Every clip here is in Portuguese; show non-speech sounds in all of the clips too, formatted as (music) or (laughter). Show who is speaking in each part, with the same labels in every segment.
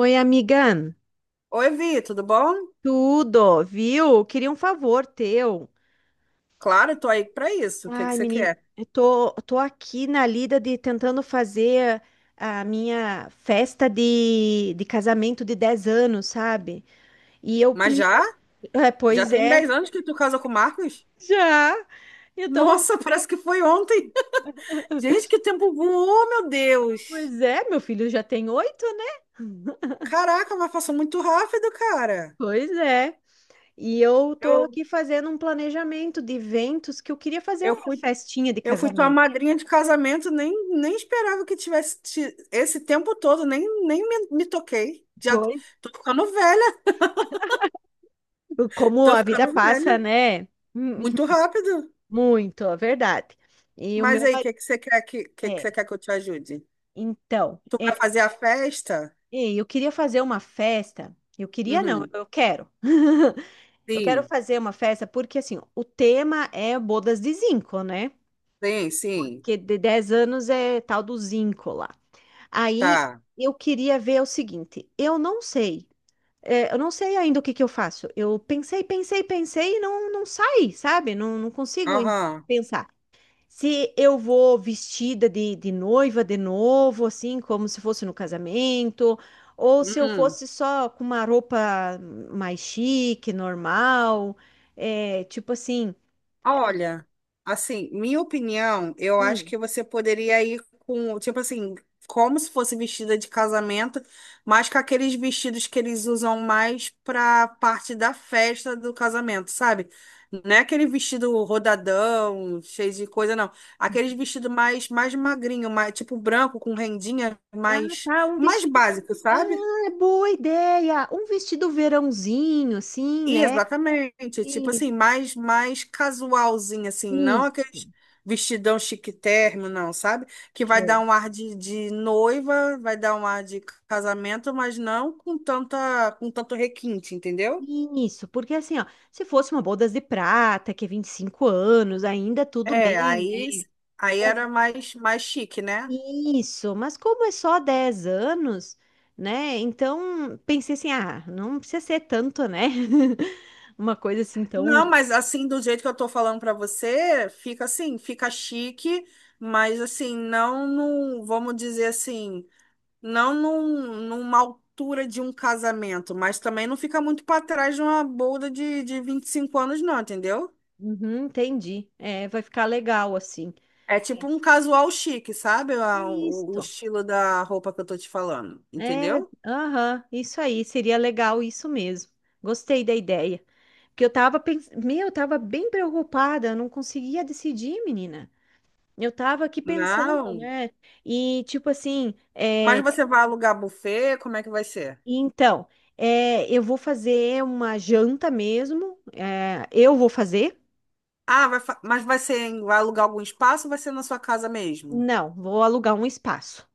Speaker 1: Oi, amiga.
Speaker 2: Oi, Vi, tudo bom?
Speaker 1: Tudo, viu? Queria um favor teu.
Speaker 2: Claro, tô aí pra isso. O que que
Speaker 1: Ai,
Speaker 2: você
Speaker 1: menina,
Speaker 2: quer?
Speaker 1: eu tô aqui na lida de tentando fazer a minha festa de casamento de 10 anos, sabe? E eu,
Speaker 2: Mas já?
Speaker 1: é,
Speaker 2: Já
Speaker 1: pois
Speaker 2: tem
Speaker 1: é,
Speaker 2: 10 anos que tu casa com o Marcos?
Speaker 1: já. Eu tô,
Speaker 2: Nossa, (laughs) parece que foi ontem. (laughs) Gente, que o tempo voou, meu Deus.
Speaker 1: pois é, meu filho já tem 8, né?
Speaker 2: Caraca, mas passou muito rápido, cara.
Speaker 1: Pois é. E eu tô
Speaker 2: Eu,
Speaker 1: aqui fazendo um planejamento de eventos que eu queria fazer
Speaker 2: eu
Speaker 1: uma
Speaker 2: fui,
Speaker 1: festinha de
Speaker 2: eu fui tua
Speaker 1: casamento.
Speaker 2: madrinha de casamento, nem esperava que tivesse esse tempo todo, nem me toquei.
Speaker 1: Pois
Speaker 2: Tô ficando velha,
Speaker 1: Como
Speaker 2: tô
Speaker 1: a vida
Speaker 2: ficando velha.
Speaker 1: passa, né? Hum,
Speaker 2: Muito rápido.
Speaker 1: muito, é verdade. E o
Speaker 2: Mas
Speaker 1: meu
Speaker 2: aí, o
Speaker 1: marido.
Speaker 2: que que você quer que
Speaker 1: É,
Speaker 2: você quer que eu te ajude?
Speaker 1: então,
Speaker 2: Tu
Speaker 1: é,
Speaker 2: vai fazer a festa?
Speaker 1: eu queria fazer uma festa. Eu queria, não,
Speaker 2: Uhum.
Speaker 1: eu quero. Eu quero
Speaker 2: Sim,
Speaker 1: fazer uma festa porque, assim, o tema é bodas de zinco, né?
Speaker 2: sim, sim.
Speaker 1: Porque de 10 anos é tal do zinco lá. Aí
Speaker 2: Tá.
Speaker 1: eu queria ver o seguinte: eu não sei. Eu não sei ainda o que que eu faço. Eu pensei, pensei, pensei e não saí, sabe? Não consigo
Speaker 2: Aham.
Speaker 1: pensar. Se eu vou vestida de noiva de novo, assim, como se fosse no casamento, ou se eu
Speaker 2: Uhum.
Speaker 1: fosse só com uma roupa mais chique, normal, é, tipo assim,
Speaker 2: Olha, assim, minha opinião, eu acho
Speaker 1: hum,
Speaker 2: que você poderia ir com, tipo assim, como se fosse vestida de casamento, mas com aqueles vestidos que eles usam mais pra parte da festa do casamento, sabe? Não é aquele vestido rodadão, cheio de coisa, não. Aqueles vestido mais magrinho, mais, tipo branco, com rendinha,
Speaker 1: ah,
Speaker 2: mais,
Speaker 1: tá, um
Speaker 2: mais
Speaker 1: vestido.
Speaker 2: básico,
Speaker 1: Ah,
Speaker 2: sabe?
Speaker 1: é boa ideia! Um vestido verãozinho, assim, né?
Speaker 2: Exatamente, tipo
Speaker 1: E-
Speaker 2: assim, mais mais casualzinho assim, não
Speaker 1: Isso.
Speaker 2: aqueles vestidão chique térrimo, não, sabe? Que vai dar
Speaker 1: Show.
Speaker 2: um ar de noiva, vai dar um ar de casamento, mas não com tanta com tanto requinte, entendeu?
Speaker 1: Isso, porque assim, ó, se fosse uma bodas de prata, que é 25 anos, ainda tudo
Speaker 2: É,
Speaker 1: bem,
Speaker 2: aí
Speaker 1: né?
Speaker 2: aí era mais mais chique, né?
Speaker 1: Isso, mas como é só 10 anos, né? Então pensei assim, ah, não precisa ser tanto, né? (laughs) Uma coisa assim tão.
Speaker 2: Não, mas assim, do jeito que eu tô falando pra você, fica assim, fica chique, mas assim, vamos dizer assim, Não numa altura de um casamento, mas também não fica muito para trás de uma bolda de 25 anos, não, entendeu?
Speaker 1: Uhum, entendi. É, vai ficar legal assim.
Speaker 2: É tipo um casual chique, sabe? O
Speaker 1: Isso.
Speaker 2: estilo da roupa que eu tô te falando,
Speaker 1: É,
Speaker 2: entendeu?
Speaker 1: aham, isso aí, seria legal isso mesmo. Gostei da ideia. Porque eu tava pensando, meu, eu tava bem preocupada, eu não conseguia decidir, menina. Eu tava aqui pensando,
Speaker 2: Não.
Speaker 1: né? E tipo assim, é.
Speaker 2: Mas você vai alugar buffet? Como é que vai ser?
Speaker 1: Então, eu vou fazer uma janta mesmo. Eu vou fazer?
Speaker 2: Ah, mas vai ser, vai alugar algum espaço ou vai ser na sua casa mesmo?
Speaker 1: Não, vou alugar um espaço.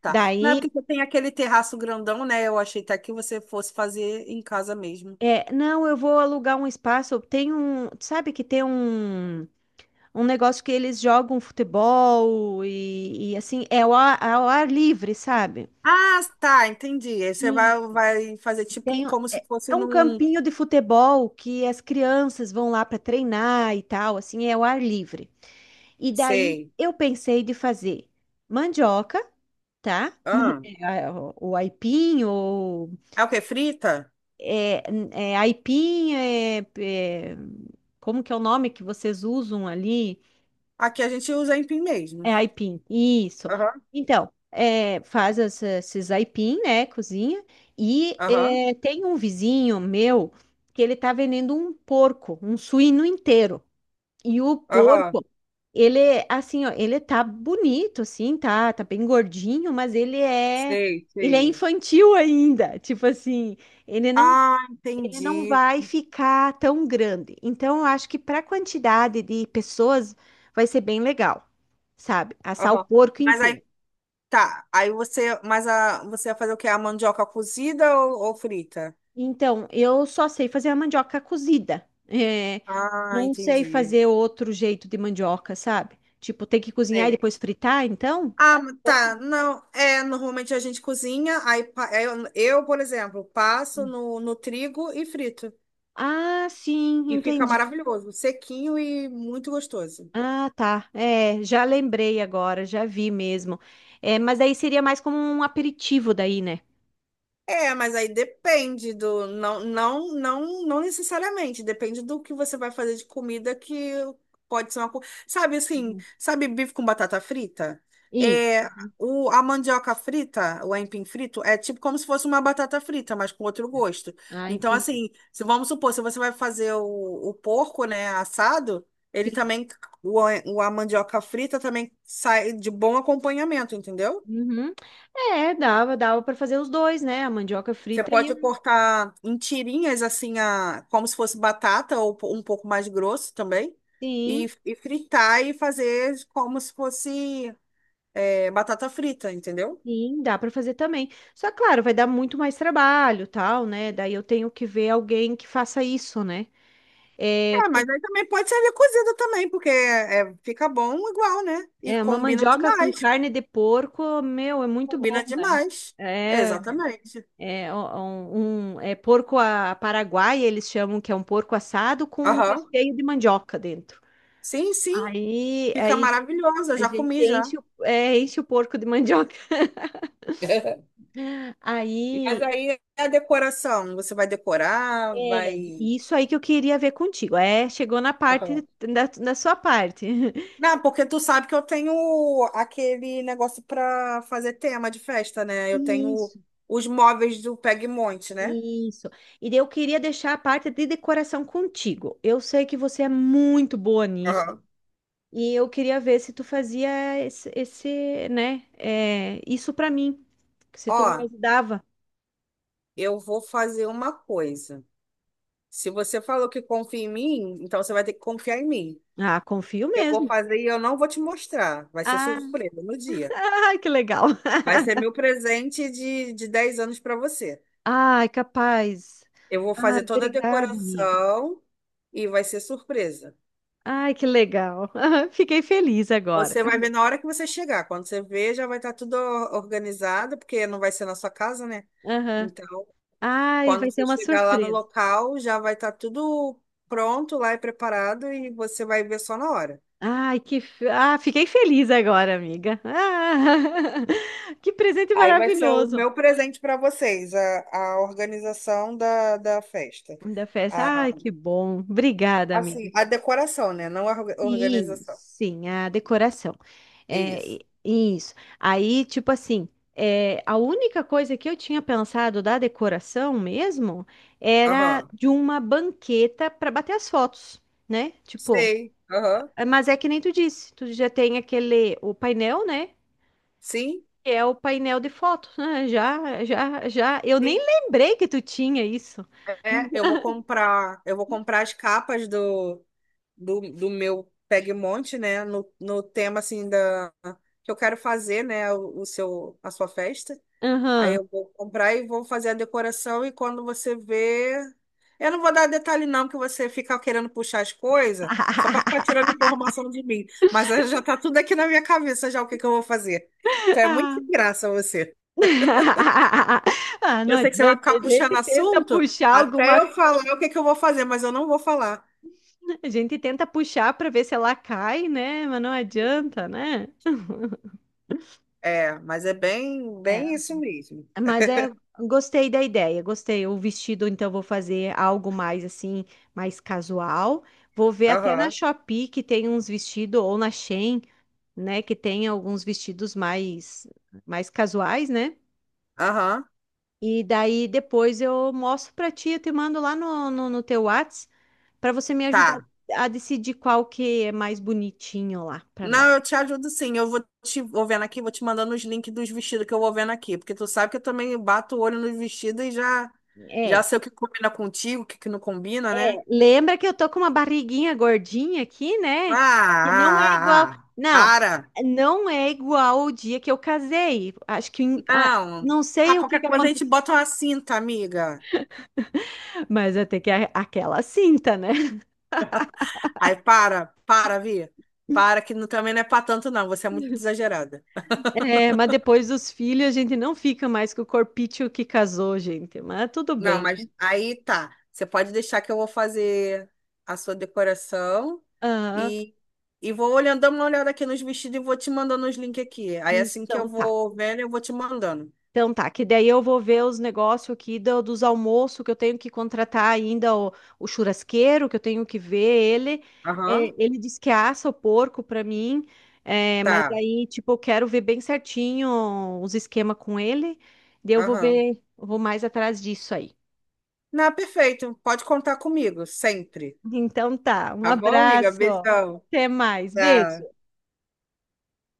Speaker 2: Tá. Não é porque
Speaker 1: Daí,
Speaker 2: você tem aquele terraço grandão, né? Eu achei até que você fosse fazer em casa mesmo.
Speaker 1: não, eu vou alugar um espaço. Tem um, sabe que tem um, um negócio que eles jogam futebol e assim, é ao ao ar livre, sabe?
Speaker 2: Ah, tá, entendi. Aí você
Speaker 1: E
Speaker 2: vai, vai fazer tipo como se fosse
Speaker 1: é um
Speaker 2: num.
Speaker 1: campinho de futebol que as crianças vão lá para treinar e tal, assim, é ao ar livre. E daí
Speaker 2: Sei.
Speaker 1: eu pensei de fazer mandioca. Tá? (laughs)
Speaker 2: Ah,
Speaker 1: É, o aipim, ou
Speaker 2: é o que? Frita?
Speaker 1: é, é aipim, como que é o nome que vocês usam ali?
Speaker 2: Aqui a gente usa empim mesmo.
Speaker 1: É aipim, isso.
Speaker 2: Aham,
Speaker 1: Então, é, faz esses aipim, né, cozinha, e
Speaker 2: aham,
Speaker 1: é, tem um vizinho meu que ele tá vendendo um porco, um suíno inteiro. E o
Speaker 2: aham.
Speaker 1: porco, ele, é, assim, ó, ele tá bonito, assim, tá bem gordinho, mas
Speaker 2: Sei,
Speaker 1: ele é
Speaker 2: sei.
Speaker 1: infantil ainda, tipo assim, ele não,
Speaker 2: Ah,
Speaker 1: ele não
Speaker 2: entendi.
Speaker 1: vai ficar tão grande. Então, eu acho que para a quantidade de pessoas vai ser bem legal, sabe? Assar o
Speaker 2: Aham.
Speaker 1: porco
Speaker 2: Mas aí
Speaker 1: inteiro.
Speaker 2: tá. Aí você. Mas a, você vai fazer o quê? A mandioca cozida ou frita?
Speaker 1: Então, eu só sei fazer a mandioca cozida. É,
Speaker 2: Ah,
Speaker 1: não sei
Speaker 2: entendi.
Speaker 1: fazer outro jeito de mandioca, sabe? Tipo, tem que cozinhar e
Speaker 2: Sei.
Speaker 1: depois fritar, então?
Speaker 2: Ah, tá.
Speaker 1: Você?
Speaker 2: Não, é, normalmente a gente cozinha, é, eu, por exemplo, passo no, no trigo e frito.
Speaker 1: Ah, sim,
Speaker 2: E fica
Speaker 1: entendi.
Speaker 2: maravilhoso, sequinho e muito gostoso.
Speaker 1: Ah, tá. É, já lembrei agora, já vi mesmo. É, mas aí seria mais como um aperitivo daí, né?
Speaker 2: É, mas aí depende do. Não, não, não, não necessariamente. Depende do que você vai fazer de comida que pode ser uma. Co- Sabe assim,
Speaker 1: Uhum.
Speaker 2: sabe bife com batata frita?
Speaker 1: Isso.
Speaker 2: É,
Speaker 1: Uhum.
Speaker 2: a mandioca frita, o aipim frito, é tipo como se fosse uma batata frita, mas com outro gosto.
Speaker 1: Ah,
Speaker 2: Então,
Speaker 1: entendi.
Speaker 2: assim, se vamos supor, se você vai fazer o porco, né, assado, ele
Speaker 1: Sim.
Speaker 2: também. A mandioca frita também sai de bom acompanhamento, entendeu?
Speaker 1: Uhum. É, dava para fazer os dois, né? A mandioca
Speaker 2: Você
Speaker 1: frita e
Speaker 2: pode
Speaker 1: a...
Speaker 2: cortar em tirinhas, assim, a, como se fosse batata ou um pouco mais grosso também,
Speaker 1: Sim,
Speaker 2: e fritar e fazer como se fosse é, batata frita, entendeu?
Speaker 1: sim, dá para fazer também. Só, claro, vai dar muito mais trabalho, tal, né? Daí eu tenho que ver alguém que faça isso, né? É,
Speaker 2: É, mas aí também pode servir cozida também, porque é, fica bom igual, né? E
Speaker 1: é uma
Speaker 2: combina
Speaker 1: mandioca com
Speaker 2: demais,
Speaker 1: carne de porco, meu, é muito
Speaker 2: combina
Speaker 1: bom, né?
Speaker 2: demais.
Speaker 1: É.
Speaker 2: Exatamente.
Speaker 1: É um, é porco a Paraguai, eles chamam que é um porco assado com um
Speaker 2: Aham.
Speaker 1: recheio de mandioca dentro.
Speaker 2: Sim, sim, fica
Speaker 1: Aí
Speaker 2: maravilhosa, eu
Speaker 1: a
Speaker 2: já
Speaker 1: gente
Speaker 2: comi já.
Speaker 1: enche o, é, enche o porco de (laughs) mandioca.
Speaker 2: (laughs) Mas
Speaker 1: Aí,
Speaker 2: aí é a decoração, você vai decorar,
Speaker 1: é
Speaker 2: vai...
Speaker 1: isso aí que eu queria ver contigo. É, chegou na
Speaker 2: Aham.
Speaker 1: parte da sua parte. (laughs)
Speaker 2: Não, porque tu sabe que eu tenho aquele negócio pra fazer tema de festa, né? Eu tenho
Speaker 1: Isso,
Speaker 2: os móveis do Pegmonte, né?
Speaker 1: isso. E daí eu queria deixar a parte de decoração contigo. Eu sei que você é muito boa nisso.
Speaker 2: Aham.
Speaker 1: E eu queria ver se tu fazia esse, né, é, isso pra mim. Se
Speaker 2: Ó,
Speaker 1: tu me ajudava.
Speaker 2: eu vou fazer uma coisa. Se você falou que confia em mim, então você vai ter que confiar em mim.
Speaker 1: Ah, confio
Speaker 2: Que eu vou
Speaker 1: mesmo.
Speaker 2: fazer e eu não vou te mostrar. Vai ser
Speaker 1: Ah,
Speaker 2: surpresa no dia.
Speaker 1: (laughs) que legal.
Speaker 2: Vai ser meu presente de 10 anos para você.
Speaker 1: Ai, capaz.
Speaker 2: Eu vou
Speaker 1: Ai,
Speaker 2: fazer toda a
Speaker 1: obrigada, amiga.
Speaker 2: decoração e vai ser surpresa.
Speaker 1: Ai, que legal. (laughs) Fiquei feliz agora.
Speaker 2: Você vai ver na hora que você chegar. Quando você ver, já vai estar tudo organizado, porque não vai ser na sua casa, né?
Speaker 1: Aham.
Speaker 2: Então,
Speaker 1: Ai,
Speaker 2: quando
Speaker 1: vai ser
Speaker 2: você
Speaker 1: uma
Speaker 2: chegar lá no
Speaker 1: surpresa.
Speaker 2: local, já vai estar tudo pronto lá e preparado e você vai ver só na hora.
Speaker 1: Ai, que. Ah, fiquei feliz agora, amiga. Ah, (laughs) que presente
Speaker 2: Aí vai ser o
Speaker 1: maravilhoso
Speaker 2: meu presente para vocês, a organização da, da festa.
Speaker 1: da festa.
Speaker 2: A,
Speaker 1: Ai, que bom. Obrigada,
Speaker 2: assim,
Speaker 1: amiga.
Speaker 2: a decoração, né? Não a
Speaker 1: Sim,
Speaker 2: organização.
Speaker 1: sim, a decoração. É,
Speaker 2: Isso.
Speaker 1: isso. Aí, tipo assim, é, a única coisa que eu tinha pensado da decoração mesmo era
Speaker 2: Aham.
Speaker 1: de uma banqueta para bater as fotos, né? Tipo,
Speaker 2: Sei. Aham.
Speaker 1: é, mas é que nem tu disse, tu já tem aquele, o painel, né?
Speaker 2: Sim,
Speaker 1: Que é o painel de fotos, né? Já, já, já. Eu nem
Speaker 2: sim.
Speaker 1: lembrei que tu tinha isso.
Speaker 2: É, eu vou comprar as capas do meu Pegmonte, né? No tema assim da que eu quero fazer, né? O seu, a sua festa. Aí
Speaker 1: Aham.
Speaker 2: eu vou comprar e vou fazer a decoração e quando você vê, eu não vou dar detalhe não, porque você fica querendo puxar as coisas só para ficar
Speaker 1: (laughs)
Speaker 2: tirando informação de mim. Mas aí já tá tudo aqui na minha cabeça já o que que eu vou fazer. Então é muito sem graça você.
Speaker 1: (laughs) Ah, não
Speaker 2: Eu sei que você vai
Speaker 1: adianta, a
Speaker 2: ficar puxando
Speaker 1: gente tenta
Speaker 2: assunto
Speaker 1: puxar
Speaker 2: até
Speaker 1: alguma,
Speaker 2: eu falar o que que eu vou fazer, mas eu não vou falar.
Speaker 1: a gente tenta puxar para ver se ela cai, né? Mas não adianta, né?
Speaker 2: É, mas é bem,
Speaker 1: É,
Speaker 2: bem isso mesmo.
Speaker 1: mas é, gostei da ideia, gostei. O vestido, então, vou fazer algo mais assim, mais casual. Vou ver até na
Speaker 2: Aham.
Speaker 1: Shopee que tem uns vestidos, ou na Shein, né? Que tem alguns vestidos mais, mais casuais, né?
Speaker 2: Aham,
Speaker 1: E daí depois eu mostro para ti, eu te mando lá no teu Whats. Para você me ajudar
Speaker 2: tá.
Speaker 1: a decidir qual que é mais bonitinho lá para nós.
Speaker 2: Não, eu te ajudo sim. Eu vou te vou vendo aqui, vou te mandando os links dos vestidos que eu vou vendo aqui, porque tu sabe que eu também bato o olho nos vestidos e já
Speaker 1: É,
Speaker 2: sei o que combina contigo, o que que não combina, né?
Speaker 1: lembra que eu tô com uma barriguinha gordinha aqui,
Speaker 2: Ah,
Speaker 1: né? Que não é igual.
Speaker 2: ah, ah, ah.
Speaker 1: Não,
Speaker 2: Para.
Speaker 1: não é igual o dia que eu casei. Acho que ah,
Speaker 2: Não.
Speaker 1: não
Speaker 2: Ah,
Speaker 1: sei o que
Speaker 2: qualquer
Speaker 1: que
Speaker 2: coisa a gente
Speaker 1: aconteceu,
Speaker 2: bota uma cinta, amiga.
Speaker 1: mas até que é aquela cinta, né?
Speaker 2: Aí para, para, Vi. Para que não- também não é pra tanto não, você é muito exagerada.
Speaker 1: É, mas depois dos filhos a gente não fica mais com o corpício que casou, gente. Mas tudo
Speaker 2: Não,
Speaker 1: bem.
Speaker 2: mas aí tá. Você pode deixar que eu vou fazer a sua decoração
Speaker 1: Ah,
Speaker 2: e, e vou olhando, dando uma olhada aqui nos vestidos e vou te mandando os links aqui. Aí assim que eu
Speaker 1: então tá.
Speaker 2: vou vendo, eu vou te mandando.
Speaker 1: Então tá, que daí eu vou ver os negócios aqui dos almoços que eu tenho que contratar ainda o churrasqueiro, que eu tenho que ver ele.
Speaker 2: Aham,
Speaker 1: É, ele disse que assa o porco para mim, é, mas
Speaker 2: tá.
Speaker 1: aí, tipo, eu quero ver bem certinho os esquemas com ele. Daí eu vou
Speaker 2: Aham.
Speaker 1: ver, eu vou mais atrás disso aí.
Speaker 2: Não, perfeito. Pode contar comigo, sempre.
Speaker 1: Então tá, um
Speaker 2: Tá bom, amiga?
Speaker 1: abraço,
Speaker 2: Beijão.
Speaker 1: até mais, beijo.
Speaker 2: Tá.